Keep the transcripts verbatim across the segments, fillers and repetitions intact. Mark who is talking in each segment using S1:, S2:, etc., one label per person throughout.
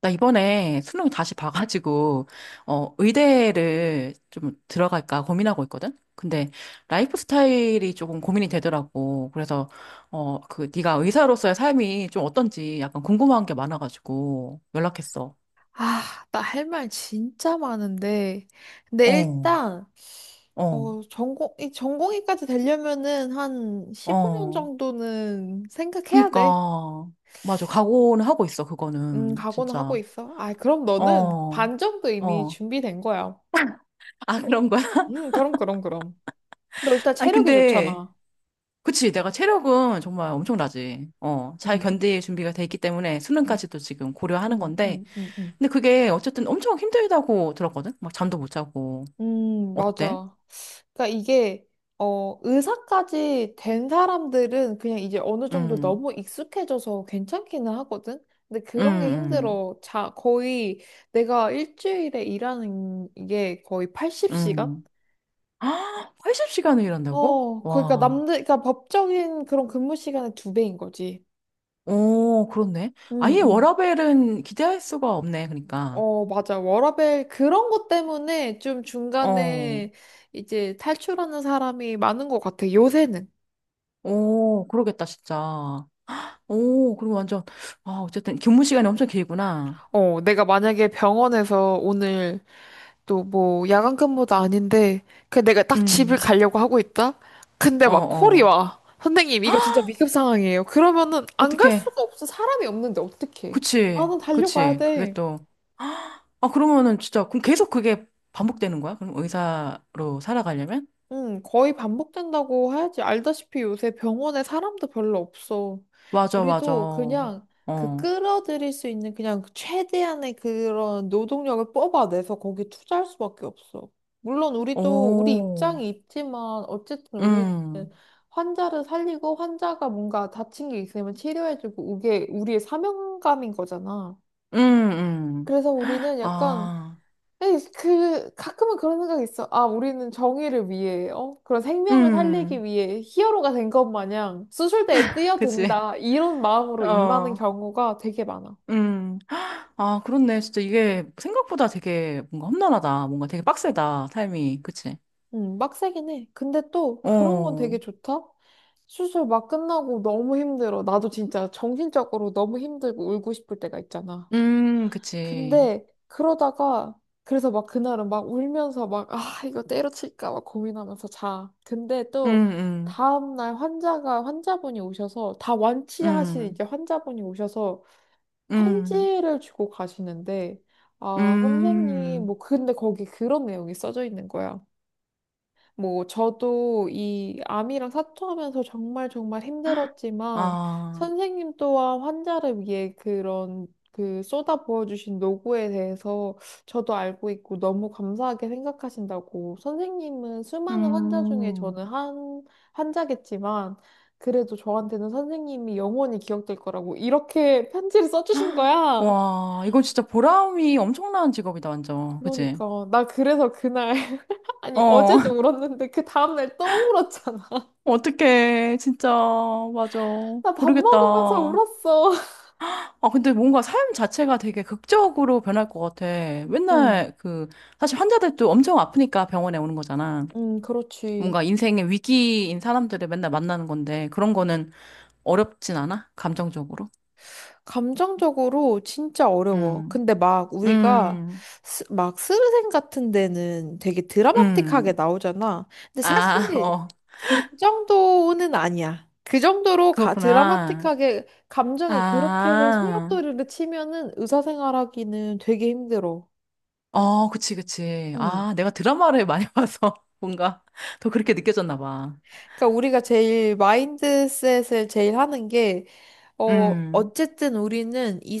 S1: 나 이번에 수능 다시 봐가지고, 어, 의대를 좀 들어갈까 고민하고 있거든? 근데 라이프 스타일이 조금 고민이 되더라고. 그래서, 어, 그, 네가 의사로서의 삶이 좀 어떤지 약간 궁금한 게 많아가지고 연락했어.
S2: 아, 나 할 말 진짜 많은데. 근데
S1: 어,
S2: 일단,
S1: 어,
S2: 어, 전공, 이 전공의까지 되려면은 한 십오 년
S1: 어.
S2: 정도는 생각해야
S1: 그니까,
S2: 돼.
S1: 맞아. 각오는 하고 있어,
S2: 음,
S1: 그거는.
S2: 각오는 하고
S1: 진짜.
S2: 있어. 아, 그럼
S1: 어,
S2: 너는 반 정도 이미
S1: 어.
S2: 준비된 거야.
S1: 아, 그런 거야?
S2: 음, 그럼, 그럼, 그럼. 너 일단
S1: 아니,
S2: 체력이
S1: 근데,
S2: 좋잖아.
S1: 그치, 내가 체력은 정말 엄청나지. 어, 잘
S2: 음,
S1: 견딜 준비가 돼 있기 때문에
S2: 음,
S1: 수능까지도 지금 고려하는
S2: 음,
S1: 건데.
S2: 음, 음. 음,
S1: 근데 그게 어쨌든 엄청 힘들다고 들었거든? 막 잠도 못 자고.
S2: 음,
S1: 어때?
S2: 맞아. 그러니까 이게 어, 의사까지 된 사람들은 그냥 이제 어느 정도
S1: 음,
S2: 너무 익숙해져서 괜찮기는 하거든. 근데 그런 게
S1: 음,
S2: 힘들어. 자, 거의 내가 일주일에 일하는 이게 거의
S1: 음,
S2: 팔십 시간?
S1: 음. 아, 팔십 시간을 일한다고?
S2: 어, 그러니까
S1: 와.
S2: 남들, 그러니까 법적인 그런 근무 시간의 두 배인 거지.
S1: 오, 그렇네.
S2: 응,
S1: 아예
S2: 응.
S1: 워라밸은 기대할 수가 없네, 그러니까.
S2: 어, 맞아. 워라밸 그런 것 때문에 좀
S1: 어,
S2: 중간에 이제 탈출하는 사람이 많은 것 같아, 요새는.
S1: 오, 그러겠다, 진짜. 오, 그리고 완전, 아, 어쨌든 근무 시간이 엄청 길구나.
S2: 어, 내가 만약에 병원에서 오늘 또 뭐 야간 근무도 아닌데 그 내가 딱 집을
S1: 음,
S2: 가려고 하고 있다. 근데
S1: 어,
S2: 막 콜이
S1: 어.
S2: 와. 선생님 이거 진짜 위급 상황이에요. 그러면은 안 갈
S1: 어떻게.
S2: 수가 없어. 사람이 없는데 어떡해.
S1: 그치,
S2: 나는 달려가야
S1: 그치. 그게
S2: 돼.
S1: 또, 아, 그러면은 진짜, 그럼 계속 그게 반복되는 거야? 그럼 의사로 살아가려면?
S2: 응, 거의 반복된다고 해야지. 알다시피 요새 병원에 사람도 별로 없어.
S1: 맞아, 맞아.
S2: 우리도 그냥 그
S1: 어,
S2: 끌어들일 수 있는 그냥 최대한의 그런 노동력을 뽑아내서 거기 투자할 수밖에 없어. 물론 우리도 우리
S1: 오,
S2: 입장이 있지만 어쨌든 우리는
S1: 음,
S2: 환자를 살리고 환자가 뭔가 다친 게 있으면 치료해주고 이게 우리의 사명감인 거잖아.
S1: 음, 음.
S2: 그래서 우리는 약간
S1: 아,
S2: 에이, 그 가끔은 그런 생각이 있어. 아, 우리는 정의를 위해, 어? 그런 생명을
S1: 음,
S2: 살리기 위해 히어로가 된 것 마냥 수술대에
S1: 그치.
S2: 뛰어든다. 이런 마음으로 임하는
S1: 어,
S2: 경우가 되게 많아.
S1: 음. 아, 그렇네. 진짜 이게 생각보다 되게 뭔가 험난하다. 뭔가 되게 빡세다. 삶이. 그치.
S2: 음, 빡세긴 해. 근데 또 그런 건
S1: 어,
S2: 되게 좋다. 수술 막 끝나고 너무 힘들어. 나도 진짜 정신적으로 너무 힘들고 울고 싶을 때가 있잖아.
S1: 음, 그치.
S2: 근데 그러다가 그래서 막 그날은 막 울면서 막 아 이거 때려칠까 막 고민하면서 자. 근데
S1: 음,
S2: 또
S1: 음,
S2: 다음날 환자가 환자분이 오셔서 다 완치하신
S1: 음,
S2: 이제 환자분이 오셔서
S1: 음,
S2: 편지를 주고 가시는데 아 선생님
S1: 음.
S2: 뭐 근데 거기 그런 내용이 써져 있는 거야. 뭐, 저도 이 암이랑 사투하면서 정말 정말 힘들었지만,
S1: 아,
S2: 선생님 또한 환자를 위해 그런, 그 쏟아 부어주신 노고에 대해서 저도 알고 있고 너무 감사하게 생각하신다고. 선생님은 수많은 환자 중에
S1: 음,
S2: 저는 한 환자겠지만, 그래도 저한테는 선생님이 영원히 기억될 거라고 이렇게 편지를 써주신 거야.
S1: 와, 이건 진짜 보람이 엄청난 직업이다, 완전. 그치?
S2: 그러니까, 나 그래서 그날, 아니,
S1: 어,
S2: 어제도 울었는데 그 다음날 또 울었잖아.
S1: 어떡해, 진짜, 맞아.
S2: 나 밥 먹으면서
S1: 모르겠다.
S2: 울었어.
S1: 아, 근데 뭔가 삶 자체가 되게 극적으로 변할 것 같아.
S2: 응,
S1: 맨날 그, 사실 환자들도 엄청 아프니까 병원에 오는 거잖아.
S2: 응, 그렇지.
S1: 뭔가 인생의 위기인 사람들을 맨날 만나는 건데, 그런 거는 어렵진 않아? 감정적으로?
S2: 감정적으로 진짜 어려워.
S1: 음,
S2: 근데 막 우리가
S1: 음,
S2: 스, 막 스르생 같은 데는 되게 드라마틱하게
S1: 음.
S2: 나오잖아. 근데
S1: 아,
S2: 사실
S1: 어,
S2: 그 정도는 아니야. 그 정도로 가,
S1: 그렇구나.
S2: 드라마틱하게 감정이 그렇게
S1: 아,
S2: 소용돌이를 치면은 의사생활하기는 되게 힘들어.
S1: 어, 그치, 그치.
S2: 응.
S1: 아, 내가 드라마를 많이 봐서 뭔가 더 그렇게 느껴졌나 봐.
S2: 그러니까 우리가 제일 마인드셋을 제일 하는 게 어,
S1: 음,
S2: 어쨌든 우리는 이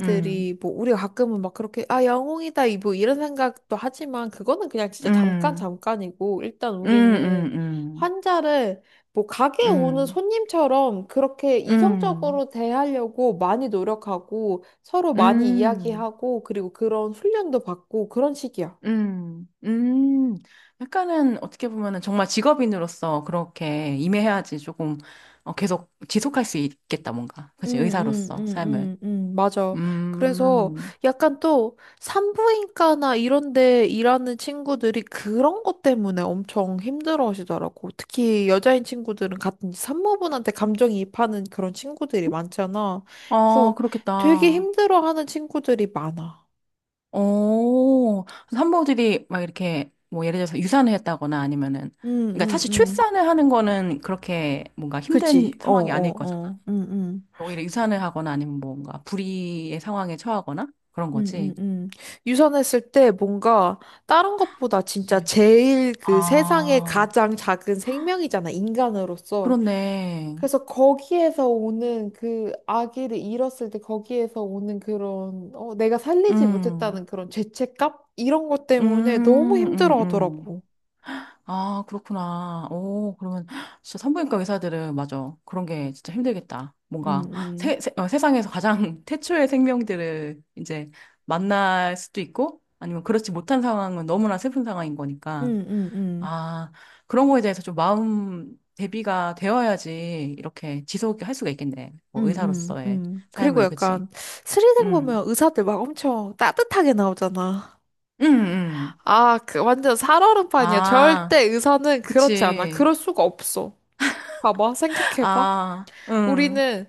S1: 음,
S2: 뭐, 우리가 가끔은 막 그렇게, 아, 영웅이다, 이 뭐, 이런 생각도 하지만, 그거는 그냥 진짜 잠깐,
S1: 음,
S2: 잠깐이고, 일단
S1: 음,
S2: 우리는
S1: 음,
S2: 환자를, 뭐, 가게에 오는
S1: 음,
S2: 손님처럼 그렇게
S1: 음, 음,
S2: 이성적으로 대하려고 많이 노력하고, 서로 많이
S1: 음,
S2: 이야기하고, 그리고 그런 훈련도 받고, 그런 식이야.
S1: 음. 음. 약간은 어떻게 보면은 정말 직업인으로서 그렇게 임해야지 조금 어, 계속 지속할 수 있겠다, 뭔가.
S2: 음,
S1: 그치,
S2: 음,
S1: 의사로서
S2: 음,
S1: 삶을.
S2: 음, 음, 맞아. 그래서
S1: 음,
S2: 약간 또 산부인과나 이런 데 일하는 친구들이 그런 것 때문에 엄청 힘들어 하시더라고. 특히 여자인 친구들은 같은 산모분한테 감정이입하는 그런 친구들이 많잖아.
S1: 아
S2: 그래서 되게
S1: 그렇겠다.
S2: 힘들어 하는 친구들이 많아.
S1: 오, 그래서 들이 막 이렇게 뭐 예를 들어서 유산을 했다거나 아니면은
S2: 음,
S1: 그러니까
S2: 음,
S1: 사실
S2: 음.
S1: 출산을 하는 거는 그렇게 뭔가
S2: 그지?
S1: 힘든
S2: 어,
S1: 상황이
S2: 어,
S1: 아닐 거잖아.
S2: 어. 음, 음.
S1: 오히려 유산을 하거나 아니면 뭔가 불의의 상황에 처하거나 그런
S2: 음, 음,
S1: 거지.
S2: 음. 유선했을 때 뭔가 다른 것보다 진짜
S1: 그치.
S2: 제일 그 세상에
S1: 아,
S2: 가장 작은 생명이잖아, 인간으로서.
S1: 그렇네.
S2: 그래서 거기에서 오는 그 아기를 잃었을 때 거기에서 오는 그런, 어, 내가 살리지 못했다는
S1: 음,
S2: 그런 죄책감? 이런 것 때문에 너무
S1: 음, 음,
S2: 힘들어
S1: 음.
S2: 하더라고.
S1: 아, 그렇구나. 오, 그러면 진짜 산부인과 의사들은 맞아. 그런 게 진짜 힘들겠다.
S2: 음,
S1: 뭔가
S2: 음,
S1: 세, 세, 어, 세상에서 가장 태초의 생명들을 이제 만날 수도 있고 아니면 그렇지 못한 상황은 너무나 슬픈 상황인 거니까.
S2: 음, 음, 음.
S1: 아, 그런 거에 대해서 좀 마음 대비가 되어야지 이렇게 지속 게할 수가 있겠네. 뭐
S2: 음, 음,
S1: 의사로서의
S2: 음. 그리고
S1: 삶을, 그치?
S2: 약간 스리생
S1: 응,
S2: 보면 의사들 막 엄청 따뜻하게 나오잖아.
S1: 응, 응.
S2: 아, 그 완전 살얼음판이야.
S1: 아,
S2: 절대 의사는 그렇지 않아.
S1: 그치.
S2: 그럴 수가 없어. 봐봐, 생각해봐.
S1: 아, 응.
S2: 우리는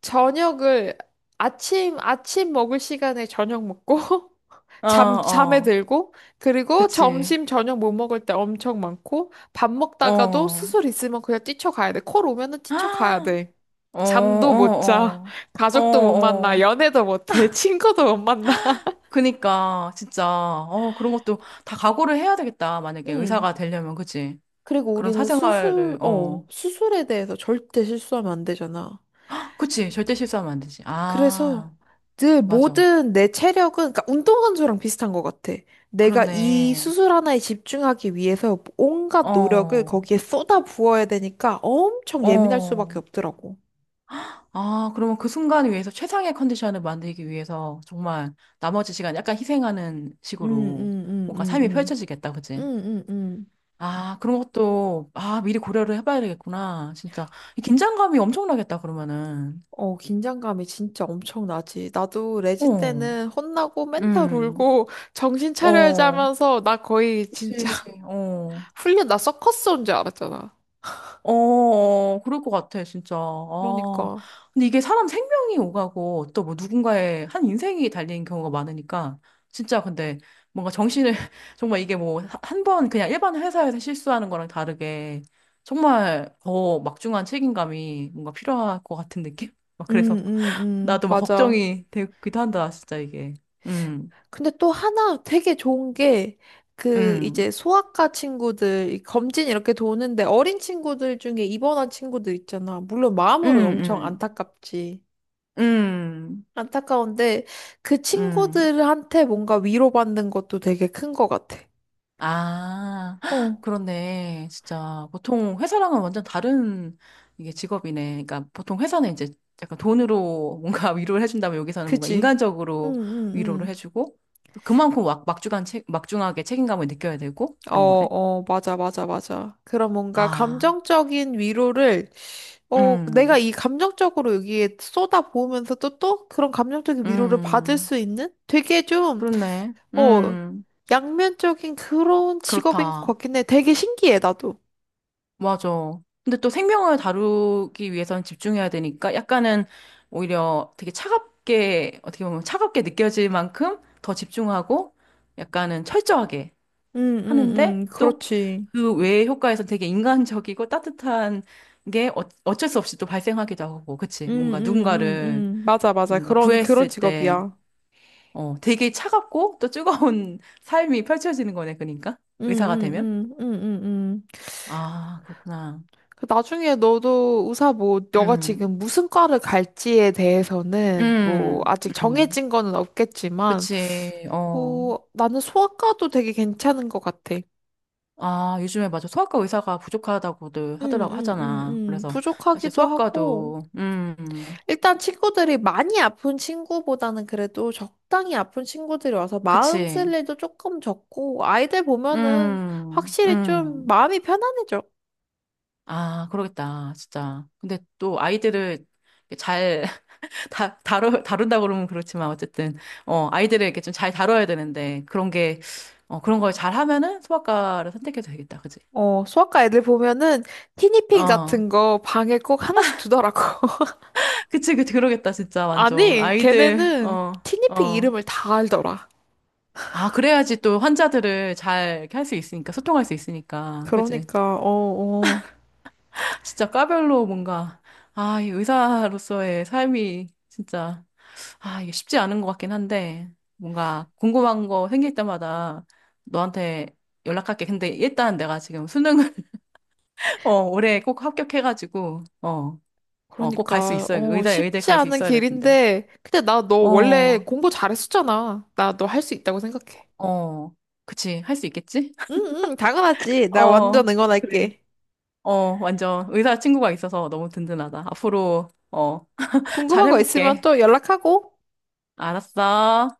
S2: 저녁을 아침, 아침 먹을 시간에 저녁 먹고,
S1: 어,
S2: 잠, 잠에
S1: 어.
S2: 들고, 그리고
S1: 그치.
S2: 점심, 저녁 못 먹을 때 엄청 많고, 밥 먹다가도
S1: 어.
S2: 수술 있으면 그냥 뛰쳐가야 돼. 콜 오면은 뛰쳐가야
S1: 아,
S2: 돼.
S1: 어, 어,
S2: 잠도 못 자.
S1: 어. 어,
S2: 가족도 못 만나.
S1: 어.
S2: 연애도 못 해. 친구도 못 만나.
S1: 그니까, 진짜, 어, 그런 것도 다 각오를 해야 되겠다. 만약에
S2: 응.
S1: 의사가 되려면, 그치?
S2: 그리고
S1: 그런
S2: 우리는 수술,
S1: 사생활을, 어.
S2: 어, 수술에 대해서 절대 실수하면 안 되잖아.
S1: 그치? 절대 실수하면 안 되지. 아,
S2: 그래서 늘
S1: 맞아.
S2: 모든 내 체력은, 그러니까 운동한 수랑 비슷한 것 같아. 내가 이
S1: 그렇네.
S2: 수술 하나에 집중하기 위해서 온갖 노력을
S1: 어,
S2: 거기에 쏟아 부어야 되니까 엄청 예민할
S1: 어.
S2: 수밖에 없더라고.
S1: 아, 그러면 그 순간을 위해서 최상의 컨디션을 만들기 위해서 정말 나머지 시간 약간 희생하는 식으로 뭔가 삶이
S2: 응응응응응응응.
S1: 펼쳐지겠다. 그치? 아, 그런 것도, 아, 미리 고려를 해봐야 되겠구나. 진짜. 이 긴장감이 엄청나겠다, 그러면은.
S2: 어, 긴장감이 진짜 엄청 나지. 나도 레지
S1: 어,
S2: 때는 혼나고 맨날
S1: 음,
S2: 울고 정신 차려야지
S1: 어,
S2: 하면서 나 거의
S1: 그치,
S2: 진짜
S1: 어,
S2: 훈련 나 서커스 온 줄 알았잖아.
S1: 어, 어, 그럴 것 같아, 진짜. 아,
S2: 그러니까.
S1: 근데 이게 사람 생명이 오가고 또 뭐 누군가의 한 인생이 달린 경우가 많으니까, 진짜 근데 뭔가 정신을, 정말 이게 뭐, 한 번 그냥 일반 회사에서 실수하는 거랑 다르게, 정말 더 막중한 책임감이 뭔가 필요할 것 같은 느낌? 막
S2: 음,
S1: 그래서
S2: 음, 음,
S1: 나도 막
S2: 맞아.
S1: 걱정이 되기도 한다, 진짜 이게. 음,
S2: 근데 또 하나 되게 좋은 게, 그,
S1: 음,
S2: 이제 소아과 친구들, 이 검진 이렇게 도는데 어린 친구들 중에 입원한 친구들 있잖아. 물론
S1: 음,
S2: 마음으로는 엄청
S1: 음,
S2: 안타깝지.
S1: 음,
S2: 안타까운데 그
S1: 음.
S2: 친구들한테 뭔가 위로받는 것도 되게 큰 것 같아.
S1: 아, 헉,
S2: 어,
S1: 그렇네. 진짜 보통 회사랑은 완전 다른 이게 직업이네. 그러니까 보통 회사는 이제 약간 돈으로 뭔가 위로를 해준다면 여기서는 뭔가
S2: 그치? 응,
S1: 인간적으로 위로를
S2: 응,
S1: 해주고 또 그만큼 막, 막중한 책, 막중하게 책임감을 느껴야 되고
S2: 응. 어,
S1: 그런 거네.
S2: 어, 맞아, 맞아, 맞아. 그런 뭔가
S1: 아,
S2: 감정적인 위로를 어, 내가
S1: 음,
S2: 이 감정적으로 여기에 쏟아부으면서도 또 그런 감정적인 위로를 받을
S1: 음,
S2: 수 있는 되게 좀,
S1: 그렇네.
S2: 어,
S1: 음,
S2: 양면적인 그런 직업인 것
S1: 그렇다.
S2: 같긴 해. 되게 신기해, 나도.
S1: 맞아. 근데 또 생명을 다루기 위해서는 집중해야 되니까 약간은 오히려 되게 차갑게, 어떻게 보면 차갑게 느껴질 만큼 더 집중하고 약간은 철저하게
S2: 응, 응,
S1: 하는데
S2: 응,
S1: 또
S2: 그렇지.
S1: 그 외의 효과에서 되게 인간적이고 따뜻한 게 어, 어쩔 수 없이 또 발생하기도 하고, 그치?
S2: 응,
S1: 뭔가
S2: 응, 응,
S1: 누군가를
S2: 응. 맞아, 맞아.
S1: 뭔가
S2: 그런, 그런
S1: 구했을 때,
S2: 직업이야.
S1: 어, 되게 차갑고 또 뜨거운 삶이 펼쳐지는 거네, 그러니까.
S2: 응,
S1: 의사가
S2: 응,
S1: 되면.
S2: 응, 응, 응, 응.
S1: 아, 그렇구나.
S2: 그 나중에 너도 의사 뭐, 너가
S1: 음.
S2: 지금 무슨 과를 갈지에 대해서는 뭐,
S1: 음,
S2: 아직
S1: 음,
S2: 정해진 거는 없겠지만,
S1: 그치, 어.
S2: 뭐, 나는 소아과도 되게 괜찮은 것 같아.
S1: 아, 요즘에 맞아. 소아과 의사가 부족하다고들
S2: 응,
S1: 하더라고,
S2: 응, 응,
S1: 하잖아.
S2: 응.
S1: 그래서, 사실
S2: 부족하기도 하고.
S1: 소아과도, 음,
S2: 일단 친구들이 많이 아픈 친구보다는 그래도 적당히 아픈 친구들이 와서 마음
S1: 그치,
S2: 쓸 일도 조금 적고, 아이들 보면은
S1: 음,
S2: 확실히 좀
S1: 음.
S2: 마음이 편안해져.
S1: 아, 그러겠다, 진짜. 근데 또 아이들을 잘 다, 다루, 다룬다고 그러면 그렇지만, 어쨌든, 어, 아이들을 이렇게 좀 잘 다뤄야 되는데, 그런 게, 어, 그런 걸 잘 하면은 소아과를 선택해도 되겠다, 그치?
S2: 어, 소아과 애들 보면은 티니핑
S1: 어,
S2: 같은 거 방에 꼭 하나씩 두더라고.
S1: 그치, 그치, 그러겠다, 진짜, 완전.
S2: 아니,
S1: 아이들,
S2: 걔네는
S1: 어,
S2: 티니핑
S1: 어.
S2: 이름을 다 알더라.
S1: 아, 그래야지 또 환자들을 잘 이렇게 할 수 있으니까, 소통할 수 있으니까. 그치?
S2: 그러니까, 어, 어.
S1: 진짜 과별로 뭔가, 아, 이 의사로서의 삶이 진짜, 아, 이게 쉽지 않은 것 같긴 한데, 뭔가 궁금한 거 생길 때마다 너한테 연락할게. 근데 일단 내가 지금 수능을, 어, 올해 꼭 합격해가지고, 어, 어, 꼭 갈 수
S2: 그러니까,
S1: 있어야,
S2: 어,
S1: 의대, 의대
S2: 쉽지
S1: 갈 수
S2: 않은
S1: 있어야 될 텐데.
S2: 길인데, 근데 나 너 원래
S1: 어,
S2: 공부 잘했었잖아. 나 너 할 수 있다고 생각해.
S1: 어. 그치, 할 수 있겠지?
S2: 응, 응, 당연하지. 나 완전
S1: 어, 그래.
S2: 응원할게.
S1: 어, 완전 의사 친구가 있어서 너무 든든하다. 앞으로, 어,
S2: 궁금한 거 있으면
S1: 잘해볼게.
S2: 또 연락하고.
S1: 알았어.